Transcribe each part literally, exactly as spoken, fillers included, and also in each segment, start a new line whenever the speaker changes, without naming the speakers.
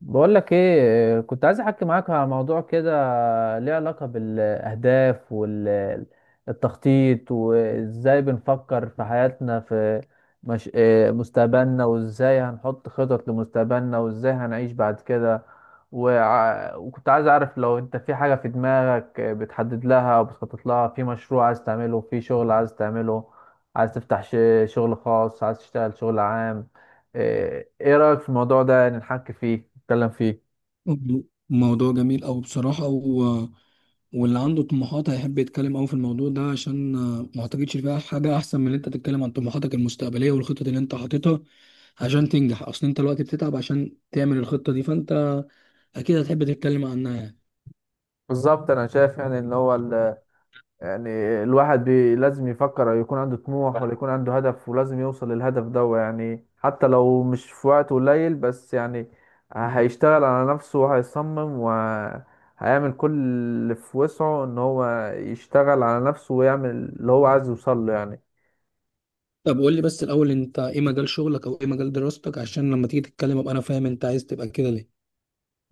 بقول لك ايه، كنت عايز احكي معاك على موضوع كده ليه علاقة بالاهداف والتخطيط وازاي بنفكر في حياتنا في مش... إيه، مستقبلنا وازاي هنحط خطط لمستقبلنا وازاي هنعيش بعد كده. وع... وكنت عايز اعرف لو انت في حاجة في دماغك بتحدد لها وبتخطط لها، في مشروع عايز تعمله، في شغل عايز تعمله، عايز تفتح ش... شغل خاص، عايز تشتغل شغل عام. ايه إيه رأيك في الموضوع ده؟ يعني نحكي فيه نتكلم فيه.
مم. موضوع جميل أوي بصراحة و... واللي عنده طموحات هيحب يتكلم أوي في الموضوع ده عشان آه، ما أعتقدش فيها حاجة أحسن من إن أنت تتكلم عن طموحاتك المستقبلية والخطط اللي أنت حاططها عشان تنجح. أصل أنت دلوقتي بتتعب عشان تعمل الخطة دي، فأنت أكيد هتحب تتكلم عنها يعني.
بالظبط، انا شايف يعني ان هو ال... يعني الواحد بي... لازم يفكر، يكون عنده طموح ولا يكون عنده هدف، ولازم يوصل للهدف ده يعني. حتى لو مش في وقت قليل بس يعني هيشتغل على نفسه وهيصمم وهيعمل كل اللي في وسعه ان هو يشتغل على نفسه ويعمل اللي هو عايز يوصل له يعني.
طب قول لي بس الأول، أنت إيه مجال شغلك أو إيه مجال دراستك؟ عشان لما تيجي تتكلم أبقى أنا فاهم أنت عايز تبقى كده ليه. إن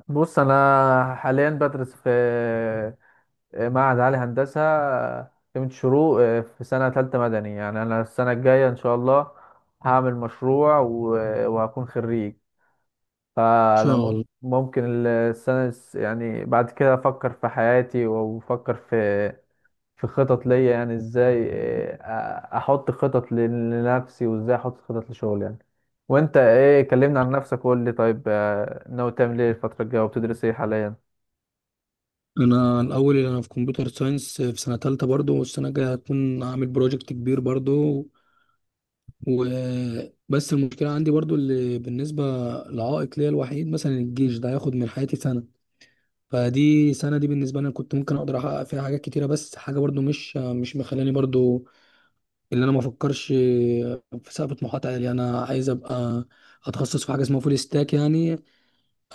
بص، انا حاليا بدرس في معهد عالي هندسة آه، قيمة شروق، آه، في سنة تالتة مدني، يعني أنا السنة الجاية إن شاء الله هعمل مشروع و- وهكون خريج. فأنا
شاء
مم-
الله.
ممكن ال- السنة الس- يعني بعد كده أفكر في حياتي، وأفكر في في خطط ليا، يعني إزاي آه، أ- أحط خطط ل- لنفسي، وإزاي أحط خطط لشغلي يعني. وأنت إيه؟ كلمنا عن نفسك، وقول لي طيب، آه، ناوي تعمل إيه الفترة الجاية، وبتدرس إيه حاليا؟
أنا الأول أنا في كمبيوتر ساينس في سنة تالتة برضو، والسنة الجاية هكون عامل بروجكت كبير برضو. وبس المشكلة عندي برضو اللي بالنسبة لعائق ليا الوحيد مثلا الجيش ده هياخد من حياتي سنة، فدي سنة دي بالنسبة لي أنا كنت ممكن أقدر أحقق فيها حاجات كتيرة. بس حاجة برضو مش مش مخلاني برضو اللي أنا ما أفكرش في سقف طموحات عالية. أنا عايز أبقى أتخصص في حاجة اسمها فول ستاك يعني.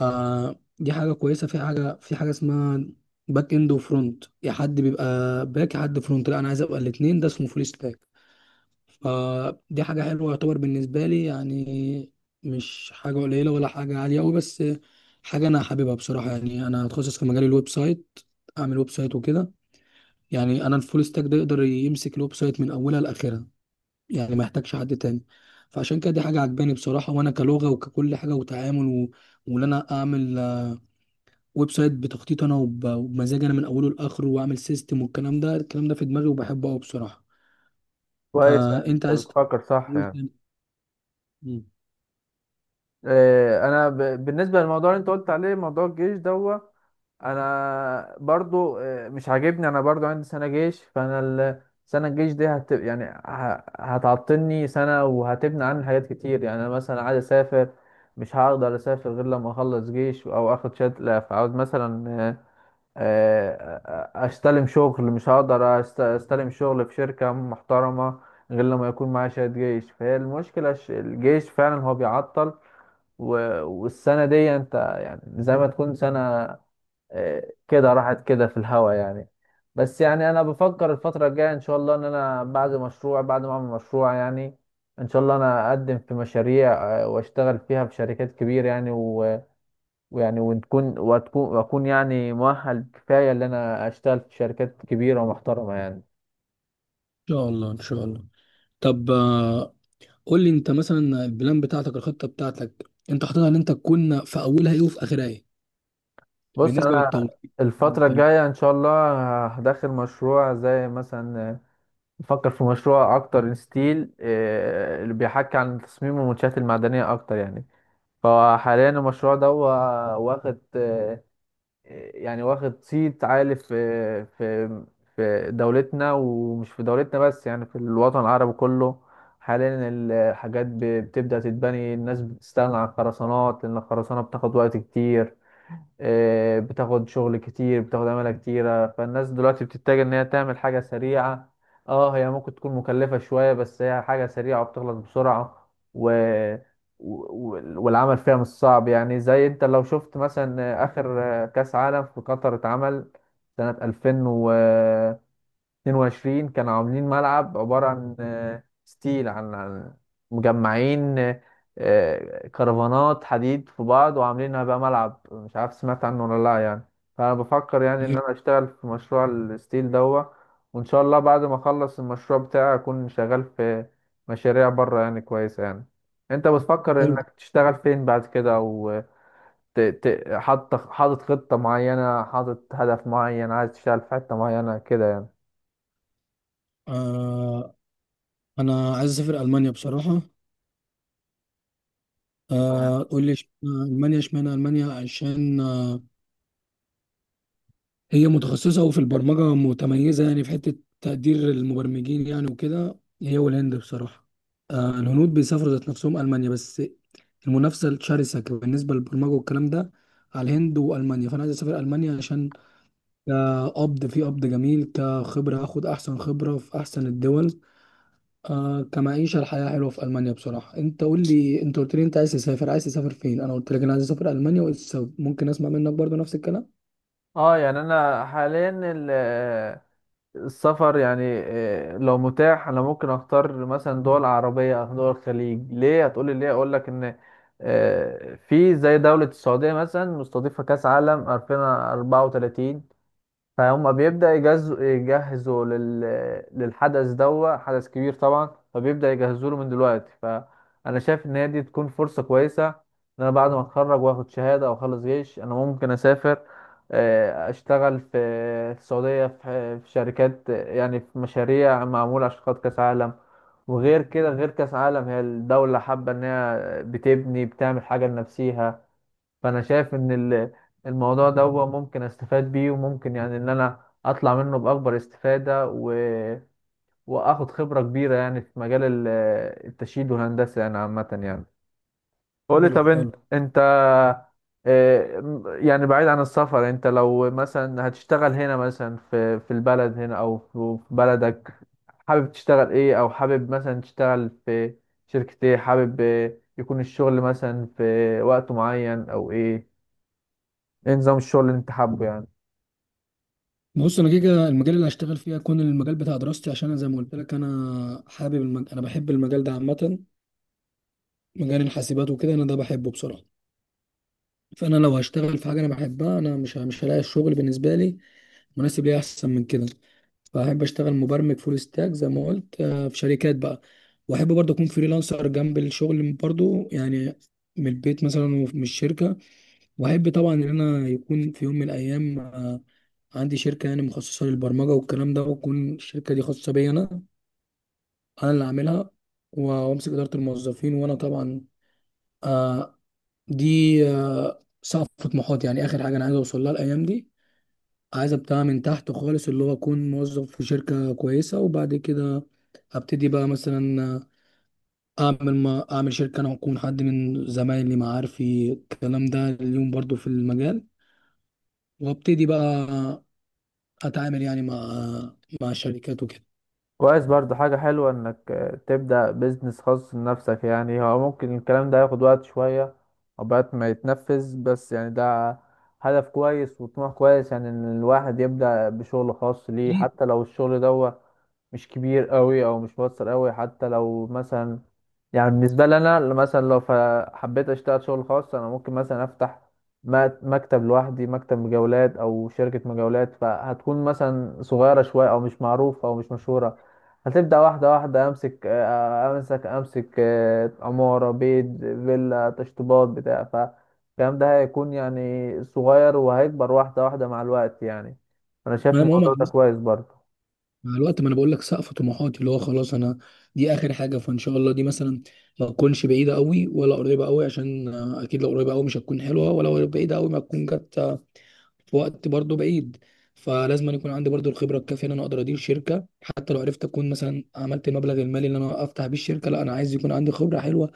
آه، دي حاجة كويسة. في حاجة في حاجة اسمها باك إند وفرونت، يا حد بيبقى باك يا حد فرونت، لا أنا عايز أبقى الاتنين، ده اسمه فول ستاك. فدي حاجة حلوة يعتبر بالنسبة لي يعني، مش حاجة قليلة ولا حاجة عالية أوي، بس حاجة أنا حاببها بصراحة. يعني أنا هتخصص في مجال الويب سايت، أعمل ويب سايت وكده. يعني أنا الفول ستاك ده يقدر يمسك الويب سايت من أولها لآخرها، يعني ما يحتاجش حد تاني. فعشان كده دي حاجة عجباني بصراحة، وأنا كلغة وككل حاجة وتعامل و... وإن أنا أعمل آه، ويب سايت بتخطيط أنا وب... وبمزاج أنا من أوله لآخره، وأعمل سيستم والكلام ده. الكلام ده في دماغي وبحبه أوي بصراحة.
كويس،
آه
يعني
أنت
أنت
عايز.
بتفكر صح يعني.
مم.
آه، انا ب- بالنسبه للموضوع اللي انت قلت عليه، موضوع الجيش دوت، انا برضو آه، مش عاجبني. انا برضو عندي سنه جيش، فانا ال- سنه الجيش دي هت يعني ه- هتعطلني سنه وهتبني عني حاجات كتير يعني. انا مثلا عايز اسافر، مش هقدر اسافر غير لما اخلص جيش او اخد شهاده. فعاوز مثلا آه، آه، آه، استلم شغل، مش هقدر أست- استلم شغل في شركه محترمه غير لما يكون معايا شهاده جيش. فهي المشكله الش- الجيش فعلا هو بيعطل. و- والسنة دي انت يعني زي ما تكون سنة آه، كده راحت كده في الهوا يعني. بس يعني انا بفكر الفترة الجاية ان شاء الله ان انا بعد مشروع، بعد ما اعمل مشروع يعني، ان شاء الله انا اقدم في مشاريع آه، واشتغل فيها في شركات كبيرة يعني. و- ويعني وتكون وتكون واكون يعني مؤهل كفاية ان انا اشتغل في شركات كبيرة ومحترمة يعني.
إن شاء الله إن شاء الله. طب آه، قول لي أنت مثلا البلان بتاعتك، الخطة بتاعتك أنت حاططها إن أنت تكون في أولها إيه وفي آخرها إيه؟
بص،
بالنسبة
انا
للتوظيف.
الفترة الجاية ان شاء الله هدخل مشروع زي مثلا، بفكر في مشروع اكتر ستيل، آه، اللي بيحكي عن تصميم المنشآت المعدنية اكتر يعني. فحاليا المشروع ده هو واخد آه، يعني واخد صيت عالي في في في دولتنا، ومش في دولتنا بس، يعني في الوطن العربي كله. حاليا الحاجات ب- بتبدأ تتبني، الناس بتستغنى عن الخرسانات، لأن الخرسانة بتاخد وقت كتير، آه، بتاخد شغل كتير، بتاخد عمالة كتيرة. فالناس دلوقتي بتتجه إن هي تعمل حاجة سريعة. اه، هي ممكن تكون مكلفة شوية، بس هي حاجة سريعة وبتخلص بسرعة و... و... و- والعمل فيها مش صعب يعني. زي انت لو شفت مثلا آه، آخر آه، كأس عالم في قطر اتعمل سنة ألفين واتنين وعشرين، كانوا عاملين ملعب عبارة عن آه، ستيل، عن عن مجمعين آه، آه، كرفانات حديد في بعض، وعاملينها بقى ملعب. مش عارف سمعت عنه ولا لا يعني. فأنا بفكر يعني إن أنا أشتغل في مشروع الستيل دوا. وإن شاء الله بعد ما أخلص المشروع بتاعي أكون شغال في مشاريع بره يعني كويسة يعني. أنت بتفكر
حلو.
إنك تشتغل فين بعد كده، أو ت- ت- حاطط حاطط خطة معينة، حاطط هدف معين، عايز تشتغل في حتة معينة كده يعني؟
آه أنا عايز أسافر ألمانيا بصراحة. آه قول لي إشمعنى ألمانيا؟ إشمعنى ألمانيا؟ عشان هي متخصصة وفي البرمجة متميزة يعني، في حتة تقدير المبرمجين يعني وكده، هي والهند بصراحة. آه الهنود بيسافروا ذات نفسهم ألمانيا، بس المنافسة الشرسة بالنسبة للبرمجة والكلام ده على الهند وألمانيا. فأنا عايز أسافر ألمانيا عشان كقبض في قبض جميل، كخبرة هاخد أحسن خبرة في أحسن الدول، آه كمعيشة الحياة حلوة في ألمانيا بصراحة. أنت قول لي، أنت قلت لي أنت عايز تسافر، عايز تسافر فين؟ أنا قلت لك أنا عايز أسافر ألمانيا وإيه السبب؟ ممكن أسمع منك برضو نفس الكلام.
اه، يعني انا حاليا ال- السفر يعني آه، لو متاح، انا ممكن اختار مثلا دول عربيه او دول الخليج. ليه؟ هتقولي ليه؟ اقول لك ان آه، في زي دوله السعوديه مثلا مستضيفه كاس عالم ألفين واربعة وتلاتين، فهم بيبدأ يجهزوا يجهزوا لل... للحدث ده. حدث كبير طبعا، فبيبدأ يجهزوا له من دلوقتي. فأنا شايف إن هي دي تكون فرصة كويسة، إن أنا بعد ما أتخرج وآخد شهادة أو أخلص جيش، أنا ممكن أسافر آه، أشتغل في السعودية، في في شركات يعني، في مشاريع معمولة عشان خاطر كأس عالم. وغير كده، غير كأس عالم، هي الدولة حابة إن هي بتبني بتعمل حاجة لنفسيها. فانا شايف ان ال- الموضوع ده هو ممكن استفاد بيه، وممكن يعني ان انا اطلع منه باكبر استفادة و... واخد خبرة كبيرة يعني في مجال ال- التشييد والهندسة يعني، عامة يعني. قولي،
حلو
طب انت،
حلو.
انت آه، م- يعني بعيد عن السفر، انت لو مثلا هتشتغل هنا، مثلا في في البلد هنا، او في في بلدك، حابب تشتغل ايه، او حابب مثلا تشتغل في شركة ايه؟ حابب آه، يكون الشغل مثلا في وقت معين او ايه؟ ايه نظام الشغل اللي انت حابه يعني؟
بص انا كده كده المجال اللي هشتغل فيه هيكون المجال بتاع دراستي، عشان انا زي ما قلت لك انا حابب المج... انا بحب المجال ده عامه، مجال الحاسبات وكده، انا ده بحبه بصراحه. فانا لو هشتغل في حاجه انا بحبها انا مش ه- مش هلاقي الشغل بالنسبه لي مناسب ليا احسن من كده. فاحب اشتغل مبرمج فول ستاك زي ما قلت، آه، في شركات بقى. واحب برضه اكون فريلانسر جنب الشغل برضه يعني، من البيت مثلا ومن الشركه. واحب طبعا ان انا يكون في يوم من الايام آه، عندي شركه يعني مخصصه للبرمجه والكلام ده، وتكون الشركه دي خاصه بيا انا، انا اللي عاملها، و- وامسك اداره الموظفين. وانا طبعا آه، دي آه، سقف طموحاتي يعني، اخر حاجه انا عايز اوصل لها الايام دي. عايز ابتدي من تحت خالص، اللي هو اكون موظف في شركه كويسه، وبعد كده ابتدي بقى مثلا آه، اعمل ما اعمل شركه انا واكون حد من زمايلي معارفي الكلام ده اليوم برضو في المجال، وابتدي بقى اتعامل يعني مع مع شركات وكده.
كويس برضو. حاجة حلوة انك آه، تبدأ بيزنس خاص لنفسك يعني. هو ممكن الكلام ده ياخد وقت شوية عقبال ما يتنفذ، بس يعني ده هدف كويس وطموح كويس يعني، ان الواحد يبدأ بشغل خاص ليه،
اكيد.
حتى لو الشغل ده مش كبير قوي او مش مؤثر قوي. حتى لو مثلا يعني، بالنسبة لي أنا، اللي مثلا لو ف- حبيت أشتغل شغل خاص، أنا ممكن مثلا أفتح م- مكتب لوحدي، مكتب مجاولات أو شركة مجاولات، فهتكون مثلا صغيرة شوية أو مش معروفة أو مش مشهورة. هتبدأ واحدة واحدة أمسك، آه، أمسك أمسك آه، عمارة، بيت، فيلا، تشطيبات، بتاع. فالكلام ده هيكون يعني صغير وهيكبر واحدة واحدة مع الوقت يعني. أنا شايف
ما ما هو مع
الموضوع ده
الوقت،
كويس برضه.
مع الوقت ما انا بقول لك سقف طموحاتي اللي هو خلاص انا، دي اخر حاجه. فان شاء الله دي مثلا ما تكونش بعيده قوي ولا قريبه قوي، عشان آه، اكيد لو قريبه قوي مش هتكون حلوه، ولا بعيده قوي ما تكون جت آه، في وقت برضو بعيد. فلازم أن يكون عندي برضو الخبره الكافيه ان انا اقدر ادير شركه، حتى لو عرفت اكون مثلا عملت المبلغ المالي اللي انا افتح بيه الشركه، لا انا عايز يكون عندي خبره حلوه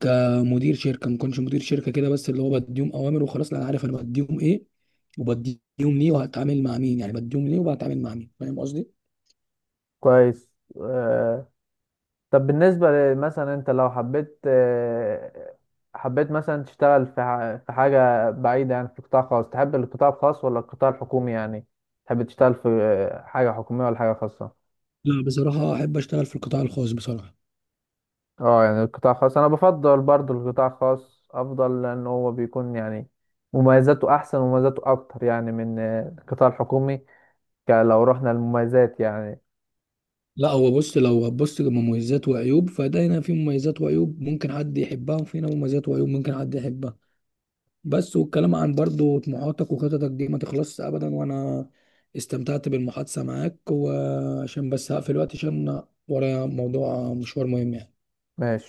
كمدير شركه. ما كنتش مدير شركه كده بس اللي هو بديهم اوامر وخلاص، لا انا عارف انا بديهم ايه وبديهم ليه وهتعامل مع مين، يعني بديهم ليه وبتعامل مع مين، فاهم قصدي؟
كويس، آه، طب بالنسبة ل- مثلا، انت لو حبيت آه، حبيت مثلا تشتغل في ح- في حاجة بعيدة يعني، في قطاع خاص، تحب القطاع الخاص ولا القطاع الحكومي يعني؟ تحب تشتغل في آه، حاجة حكومية ولا حاجة خاصة؟
لا بصراحه احب اشتغل في القطاع الخاص بصراحه.
اه، يعني القطاع الخاص، انا بفضل برضو القطاع الخاص افضل، لان هو بيكون يعني مميزاته احسن ومميزاته اكتر يعني من آه، القطاع الحكومي، ك- لو رحنا للمميزات يعني.
لا هو بص، لو هتبص لمميزات وعيوب، فده هنا في مميزات وعيوب ممكن حد يحبها، وفي هنا مميزات وعيوب ممكن حد يحبها. بس والكلام عن برضو طموحاتك وخططك دي ما تخلصش ابدا، وانا استمتعت بالمحادثه معاك، وعشان بس هقفل الوقت عشان ورايا موضوع مشوار مهم يعني.
ماشي.